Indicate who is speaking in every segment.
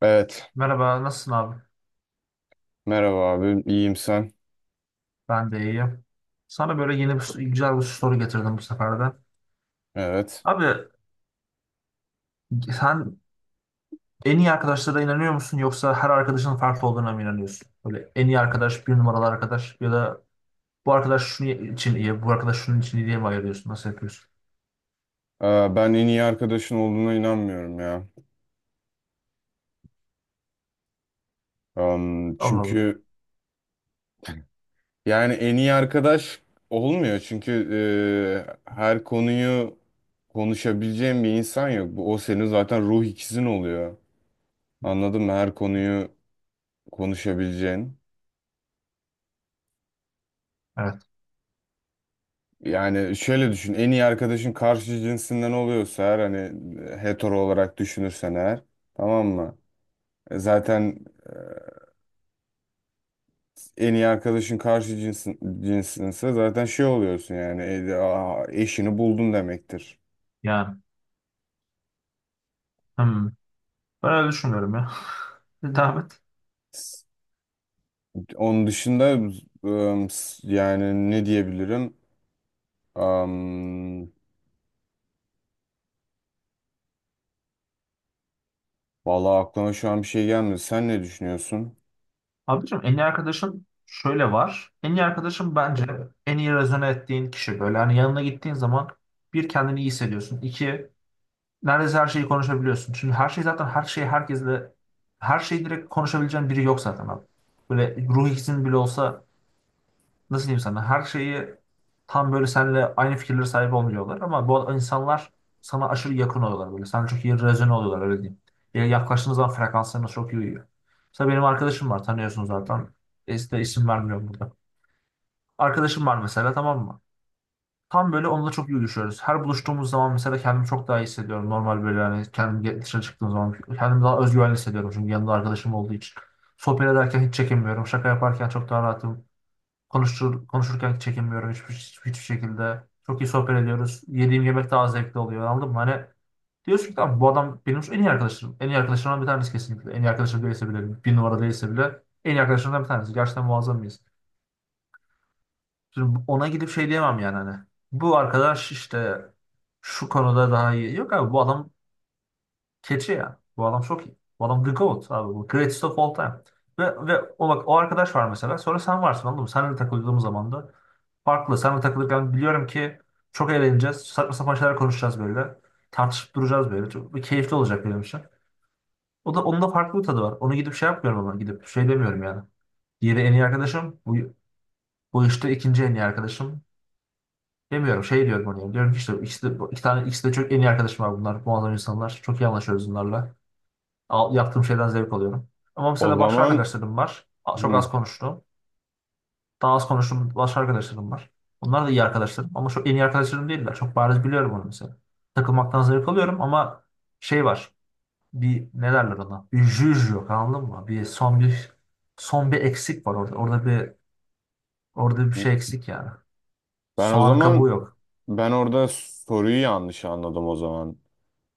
Speaker 1: Evet.
Speaker 2: Merhaba, nasılsın abi?
Speaker 1: Merhaba abi. İyiyim, sen?
Speaker 2: Ben de iyiyim. Sana böyle güzel bir soru getirdim bu sefer de.
Speaker 1: Evet.
Speaker 2: Abi sen en iyi arkadaşlara inanıyor musun, yoksa her arkadaşın farklı olduğuna mı inanıyorsun? Böyle en iyi arkadaş, bir numaralı arkadaş ya da bu arkadaş şunun için iyi, bu arkadaş şunun için iyi diye mi ayırıyorsun? Nasıl yapıyorsun?
Speaker 1: Ee, Ben en iyi arkadaşın olduğuna inanmıyorum ya.
Speaker 2: Allah Allah.
Speaker 1: Çünkü yani en iyi arkadaş olmuyor. Çünkü her konuyu konuşabileceğin bir insan yok. O senin zaten ruh ikizin oluyor. Anladın mı? Her konuyu konuşabileceğin.
Speaker 2: Evet.
Speaker 1: Yani şöyle düşün. En iyi arkadaşın karşı cinsinden oluyorsa eğer, hani hetero olarak düşünürsen eğer, tamam mı? Zaten e, en iyi arkadaşın karşı cinsinse zaten şey oluyorsun, yani eşini buldun demektir.
Speaker 2: Yani. Hmm. Ben öyle düşünmüyorum ya. Devam et.
Speaker 1: Onun dışında yani ne diyebilirim? Am, Vallahi aklıma şu an bir şey gelmedi. Sen ne düşünüyorsun?
Speaker 2: Abicim en iyi arkadaşın şöyle var. En iyi arkadaşın bence en iyi rezone ettiğin kişi. Böyle hani yanına gittiğin zaman bir kendini iyi hissediyorsun. İki, neredeyse her şeyi konuşabiliyorsun. Şimdi her şey zaten, her şey herkesle her şeyi direkt konuşabileceğin biri yok zaten abi. Böyle ruh ikizin bile olsa nasıl diyeyim sana, her şeyi tam böyle seninle aynı fikirlere sahip olmuyorlar, ama bu insanlar sana aşırı yakın oluyorlar böyle. Sana çok iyi rezone oluyorlar, öyle diyeyim. Yani yaklaştığınız zaman frekanslarınız çok iyi uyuyor. Mesela benim arkadaşım var, tanıyorsun zaten. E, işte isim vermiyorum burada. Arkadaşım var mesela, tamam mı? Tam böyle onunla çok iyi uyuşuyoruz. Her buluştuğumuz zaman mesela kendimi çok daha iyi hissediyorum. Normal böyle, yani kendim dışarı çıktığım zaman kendimi daha özgüvenli hissediyorum. Çünkü yanımda arkadaşım olduğu için. Sohbet ederken hiç çekinmiyorum. Şaka yaparken çok daha rahatım. Konuşurken hiç çekinmiyorum, hiçbir şekilde. Çok iyi sohbet ediyoruz. Yediğim yemek daha zevkli oluyor. Anladın mı? Hani diyorsun ki tamam, bu adam benim en iyi arkadaşım. En iyi arkadaşlarımdan bir tanesi kesinlikle. En iyi arkadaşım değilse bile, bir numara değilse bile en iyi arkadaşlarımdan bir tanesi. Gerçekten muazzam mıyız? Şimdi ona gidip şey diyemem yani hani. Bu arkadaş işte şu konuda daha iyi. Yok abi, bu adam keçi ya. Bu adam çok iyi. Bu adam the GOAT abi. Bu greatest of all time. Ve o, bak, o arkadaş var mesela. Sonra sen varsın, anladın mı? Seninle takıldığım zaman da farklı. Seninle takılırken biliyorum ki çok eğleneceğiz. Saçma sapan şeyler konuşacağız böyle. Tartışıp duracağız böyle. Çok keyifli olacak benim için. O da, onun da farklı bir tadı var. Onu gidip şey yapmıyorum, ama gidip şey demiyorum yani. Diğeri en iyi arkadaşım. Bu işte ikinci en iyi arkadaşım. Demiyorum, şey diyorum oraya. Diyorum ki işte ikisi de, iki tane, ikisi de çok en iyi arkadaşım, var bunlar. Muazzam insanlar. Çok iyi anlaşıyoruz bunlarla. Yaptığım şeyden zevk alıyorum. Ama
Speaker 1: O
Speaker 2: mesela başka
Speaker 1: zaman
Speaker 2: arkadaşlarım var. Çok az
Speaker 1: hı,
Speaker 2: konuştuğum. Daha az konuştuğum başka arkadaşlarım var. Bunlar da iyi arkadaşlarım. Ama çok en iyi arkadaşlarım değiller. Çok bariz biliyorum onu mesela. Takılmaktan zevk alıyorum ama şey var. Bir, ne derler ona? Bir jüj yok, anladın mı? Bir son bir son bir eksik var orada. Orada bir şey eksik yani.
Speaker 1: ben o
Speaker 2: Soğanın kabuğu
Speaker 1: zaman
Speaker 2: yok.
Speaker 1: ben orada soruyu yanlış anladım o zaman.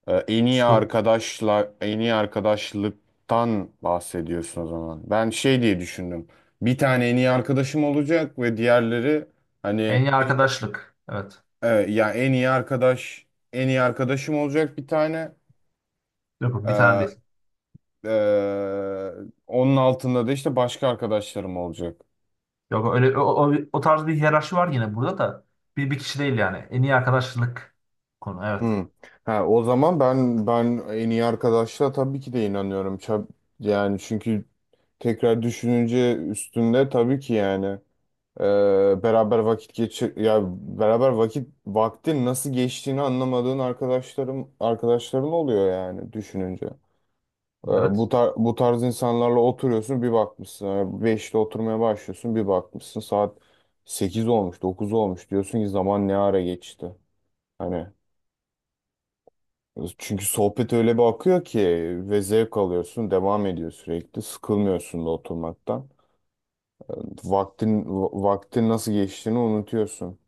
Speaker 1: En iyi
Speaker 2: Su,
Speaker 1: arkadaşla en iyi arkadaşlıktan bahsediyorsun o zaman. Ben şey diye düşündüm. Bir tane en iyi arkadaşım olacak ve diğerleri hani
Speaker 2: en iyi
Speaker 1: e,
Speaker 2: arkadaşlık. Evet.
Speaker 1: ya en iyi arkadaşım olacak, bir tane.
Speaker 2: Yok, bir tane
Speaker 1: Ee,
Speaker 2: değil.
Speaker 1: e, Onun altında da işte başka arkadaşlarım olacak.
Speaker 2: Yok öyle, o tarz bir hiyerarşi var yine burada da, bir kişi değil yani. En iyi arkadaşlık konu. Evet.
Speaker 1: Hı. Ha, o zaman ben en iyi arkadaşla tabii ki de inanıyorum. Yani çünkü tekrar düşününce üstünde tabii ki, yani. Ee, beraber vakit geçir ya beraber vakit vaktin nasıl geçtiğini anlamadığın arkadaşların oluyor, yani düşününce. Bu
Speaker 2: Evet.
Speaker 1: tar bu tarz insanlarla oturuyorsun bir bakmışsın. Yani 5'te oturmaya başlıyorsun, bir bakmışsın saat 8 olmuş, 9 olmuş, diyorsun ki zaman ne ara geçti. Hani, çünkü sohbet öyle bir akıyor ki ve zevk alıyorsun, devam ediyor, sürekli sıkılmıyorsun da oturmaktan. Vaktin nasıl geçtiğini unutuyorsun.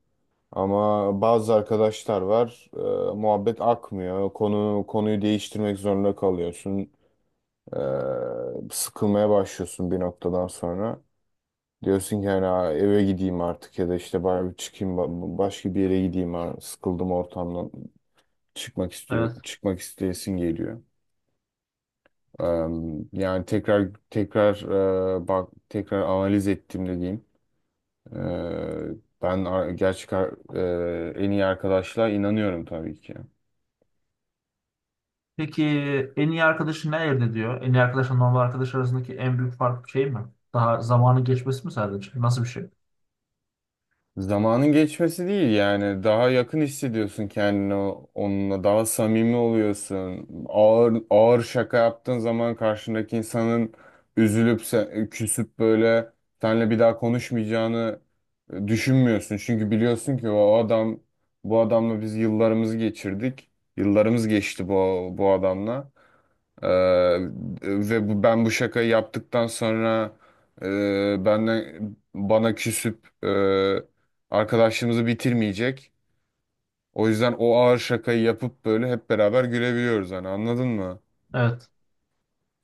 Speaker 1: Ama bazı arkadaşlar var, muhabbet akmıyor. Konuyu değiştirmek zorunda kalıyorsun. E, Sıkılmaya başlıyorsun bir noktadan sonra. Diyorsun ki hani, Eve gideyim artık ya da işte bari bir çıkayım başka bir yere gideyim, ha. Sıkıldım ortamdan." Çıkmak istiyor,
Speaker 2: Evet.
Speaker 1: çıkmak isteyesin geliyor. E, Yani, tekrar tekrar, bak, tekrar analiz ettiğimde diyeyim. E, ben ar- gerçek ar- e, en iyi arkadaşlığa inanıyorum tabii ki.
Speaker 2: Peki en iyi arkadaşın ne elde ediyor? En iyi arkadaşla normal arkadaş arasındaki en büyük fark şey mi? Daha zamanın geçmesi mi sadece? Nasıl bir şey?
Speaker 1: Zamanın geçmesi değil, yani daha yakın hissediyorsun kendini, onunla daha samimi oluyorsun. Ağır ağır şaka yaptığın zaman karşındaki insanın üzülüp küsüp böyle seninle bir daha konuşmayacağını düşünmüyorsun. Çünkü biliyorsun ki o adam bu adamla biz yıllarımızı geçirdik. Yıllarımız geçti bu adamla. Ee, ve ben bu şakayı yaptıktan sonra e, benden bana küsüp arkadaşlığımızı bitirmeyecek. O yüzden o ağır şakayı yapıp böyle hep beraber gülebiliyoruz hani, anladın mı?
Speaker 2: Evet.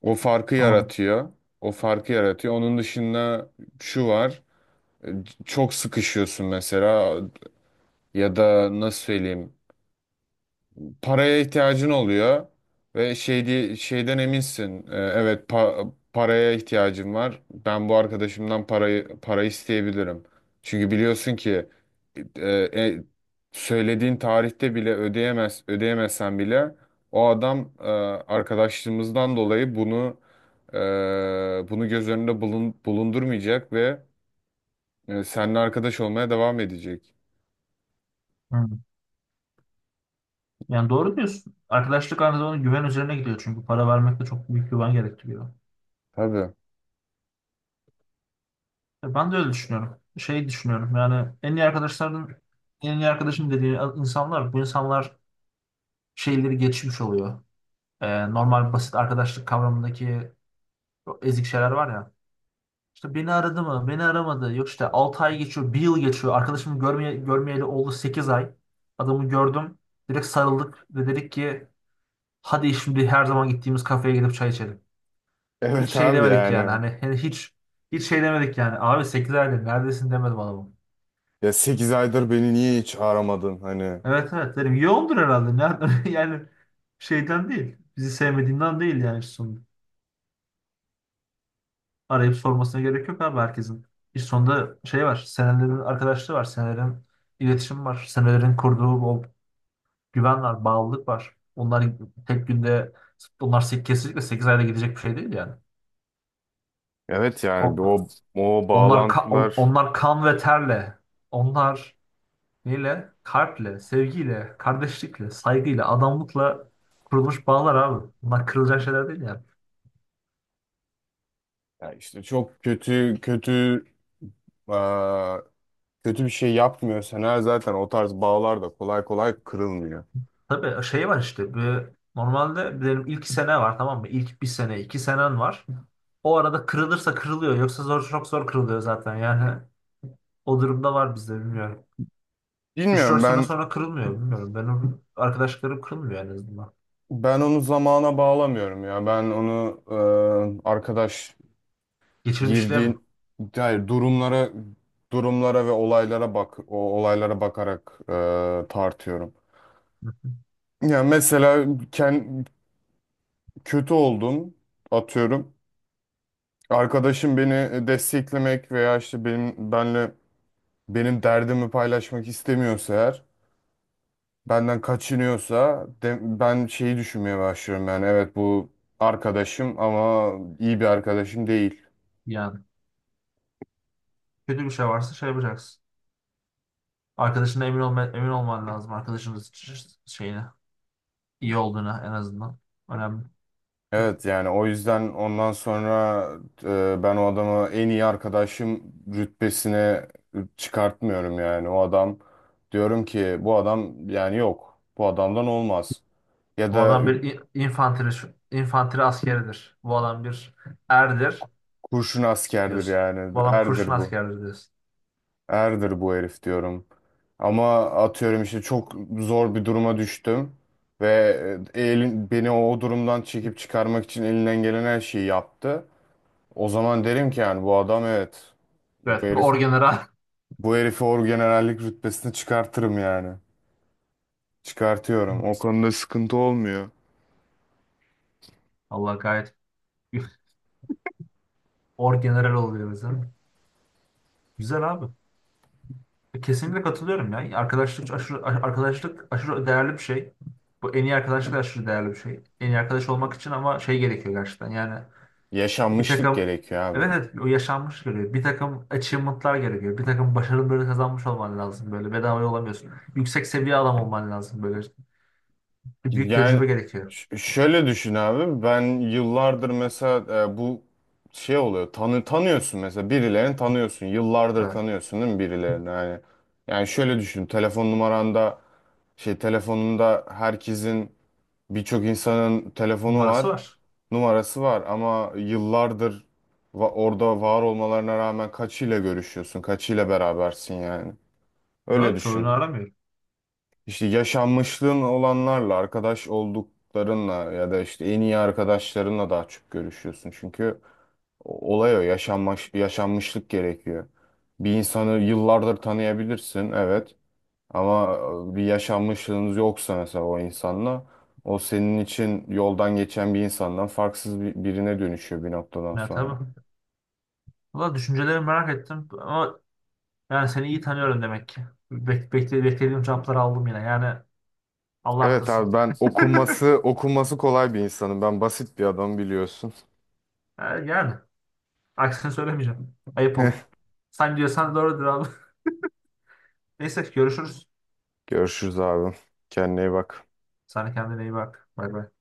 Speaker 1: O farkı
Speaker 2: Anladım.
Speaker 1: yaratıyor. O farkı yaratıyor. Onun dışında şu var. e, Çok sıkışıyorsun mesela, ya da nasıl söyleyeyim? Paraya ihtiyacın oluyor ve şeyden eminsin. Evet, paraya ihtiyacım var. Ben bu arkadaşımdan para isteyebilirim. Çünkü biliyorsun ki e, e, söylediğin tarihte bile ödeyemezsen bile o adam arkadaşlığımızdan dolayı e, bunu göz önünde bulundurmayacak ve seninle arkadaş olmaya devam edecek.
Speaker 2: Hı. Yani doğru diyorsun. Arkadaşlık aynı zamanda güven üzerine gidiyor, çünkü para vermek de çok büyük güven gerektiriyor.
Speaker 1: Tabii.
Speaker 2: Ben de öyle düşünüyorum. Şey düşünüyorum yani, en iyi arkadaşların en iyi arkadaşım dediği insanlar, bu insanlar şeyleri geçmiş oluyor. Normal basit arkadaşlık kavramındaki o ezik şeyler var ya. İşte beni aradı mı? Beni aramadı. Yok işte 6 ay geçiyor, bir yıl geçiyor. Arkadaşımı görmeyeli oldu 8 ay. Adamı gördüm. Direkt sarıldık ve dedik ki hadi şimdi her zaman gittiğimiz kafeye gidip çay içelim. Hiç
Speaker 1: Evet
Speaker 2: şey
Speaker 1: abi,
Speaker 2: demedik yani,
Speaker 1: yani.
Speaker 2: hani hiç şey demedik yani. Abi 8 aydır neredesin demedim adamım.
Speaker 1: Ya 8 aydır beni niye hiç aramadın hani?
Speaker 2: Evet evet dedim. Yoğundur herhalde. Nereden? Yani şeyden değil. Bizi sevmediğinden değil yani sonunda. Arayıp sormasına gerek yok abi herkesin. İş sonunda şey var, senelerin arkadaşlığı var, senelerin iletişim var, senelerin kurduğu o güven var, bağlılık var. Onlar tek günde, kesinlikle 8 ayda gidecek bir şey değil yani.
Speaker 1: Evet,
Speaker 2: O-
Speaker 1: yani o bağlantılar.
Speaker 2: onlar kan ve terle, onlar neyle? Kalple, sevgiyle, kardeşlikle, saygıyla, adamlıkla kurulmuş bağlar abi. Bunlar kırılacak şeyler değil yani.
Speaker 1: Ya işte çok kötü kötü, eee, kötü bir şey yapmıyorsan eğer zaten, o tarz bağlar da kolay kolay kırılmıyor.
Speaker 2: Tabii şey var işte bir, normalde benim ilk sene var tamam mı? İlk bir sene iki senen var. O arada kırılırsa kırılıyor, yoksa zor, çok zor kırılıyor zaten yani. O durumda var bizde, bilmiyorum. Üç
Speaker 1: Bilmiyorum.
Speaker 2: dört sene
Speaker 1: ben
Speaker 2: sonra kırılmıyor, bilmiyorum, benim arkadaşlarım kırılmıyor en azından.
Speaker 1: ben onu zamana bağlamıyorum ya. Ben onu arkadaş
Speaker 2: Geçirmişliğe mi?
Speaker 1: girdiğin, hayır, durumlara, ve olaylara bak, o olaylara bakarak tartıyorum. Ya mesela kötü oldum, atıyorum. Arkadaşım beni desteklemek veya işte benim derdimi paylaşmak istemiyorsa eğer, benden kaçınıyorsa, ben şeyi düşünmeye başlıyorum, yani evet, bu arkadaşım ama iyi bir arkadaşım değil.
Speaker 2: Yani kötü bir şey varsa şey yapacaksın. Arkadaşına emin olman lazım arkadaşının şeyine, iyi olduğuna, en azından önemli.
Speaker 1: Evet, yani o yüzden ondan sonra ben o adamı en iyi arkadaşım rütbesine çıkartmıyorum, yani o adam, diyorum ki bu adam, yani yok, bu adamdan olmaz. Ya
Speaker 2: Bu
Speaker 1: da
Speaker 2: adam bir infantry askeridir. Bu adam bir erdir,
Speaker 1: kurşun askerdir,
Speaker 2: diyorsun. Bu
Speaker 1: yani.
Speaker 2: adam kurşun
Speaker 1: Erdir bu.
Speaker 2: askerdir diyorsun.
Speaker 1: Erdir bu herif, diyorum. Ama atıyorum, işte çok zor bir duruma düştüm. Ve beni o durumdan çekip çıkarmak için elinden gelen her şeyi yaptı. O zaman derim ki, yani bu adam, evet. Bu
Speaker 2: Evet, bu
Speaker 1: herif,
Speaker 2: orgeneral.
Speaker 1: bu herifi orgenerallik rütbesine çıkartırım, yani. Çıkartıyorum. O konuda sıkıntı olmuyor.
Speaker 2: Allah gayet orgeneral oluyoruz değil. Güzel abi. Kesinlikle katılıyorum ya. Arkadaşlık aşırı değerli bir şey. Bu en iyi arkadaşlık da aşırı değerli bir şey. En iyi arkadaş olmak için ama şey gerekiyor gerçekten. Yani bir
Speaker 1: Yaşanmışlık
Speaker 2: takım,
Speaker 1: gerekiyor abi.
Speaker 2: evet evet, o yaşanmış gerekiyor. Bir takım achievement'lar gerekiyor. Bir takım başarıları kazanmış olman lazım böyle. Bedava olamıyorsun. Yüksek seviye adam olman lazım böyle. Bir büyük
Speaker 1: Yani
Speaker 2: tecrübe gerekiyor.
Speaker 1: şöyle düşün abi, ben yıllardır mesela, bu şey oluyor, tanıyorsun mesela birilerini, tanıyorsun yıllardır,
Speaker 2: Evet.
Speaker 1: tanıyorsun değil mi birilerini, yani, şöyle düşün, telefon numaranda, şey, telefonunda herkesin, birçok insanın telefonu
Speaker 2: Numarası
Speaker 1: var,
Speaker 2: var.
Speaker 1: numarası var, ama yıllardır orada var olmalarına rağmen kaçıyla görüşüyorsun, kaçıyla berabersin, yani öyle
Speaker 2: Doğru. Çoğunu
Speaker 1: düşün.
Speaker 2: aramıyor.
Speaker 1: İşte yaşanmışlığın olanlarla, arkadaş olduklarınla ya da işte en iyi arkadaşlarınla daha çok görüşüyorsun. Çünkü yaşanmışlık gerekiyor. Bir insanı yıllardır tanıyabilirsin, evet. Ama bir yaşanmışlığınız yoksa mesela o insanla, o senin için yoldan geçen bir insandan farksız birine dönüşüyor bir noktadan
Speaker 2: Ya
Speaker 1: sonra.
Speaker 2: tabii. Valla düşüncelerimi merak ettim, ama yani seni iyi tanıyorum demek ki. Beklediğim cevapları aldım yine. Yani Allah
Speaker 1: Evet abi,
Speaker 2: arttırsın.
Speaker 1: ben okuması kolay bir insanım. Ben basit bir adam, biliyorsun.
Speaker 2: Ha, yani aksini söylemeyeceğim. Ayıp olur. Sen diyorsan doğrudur abi. Neyse görüşürüz.
Speaker 1: Görüşürüz abi. Kendine iyi bak.
Speaker 2: Sen de kendine iyi bak. Bay bay.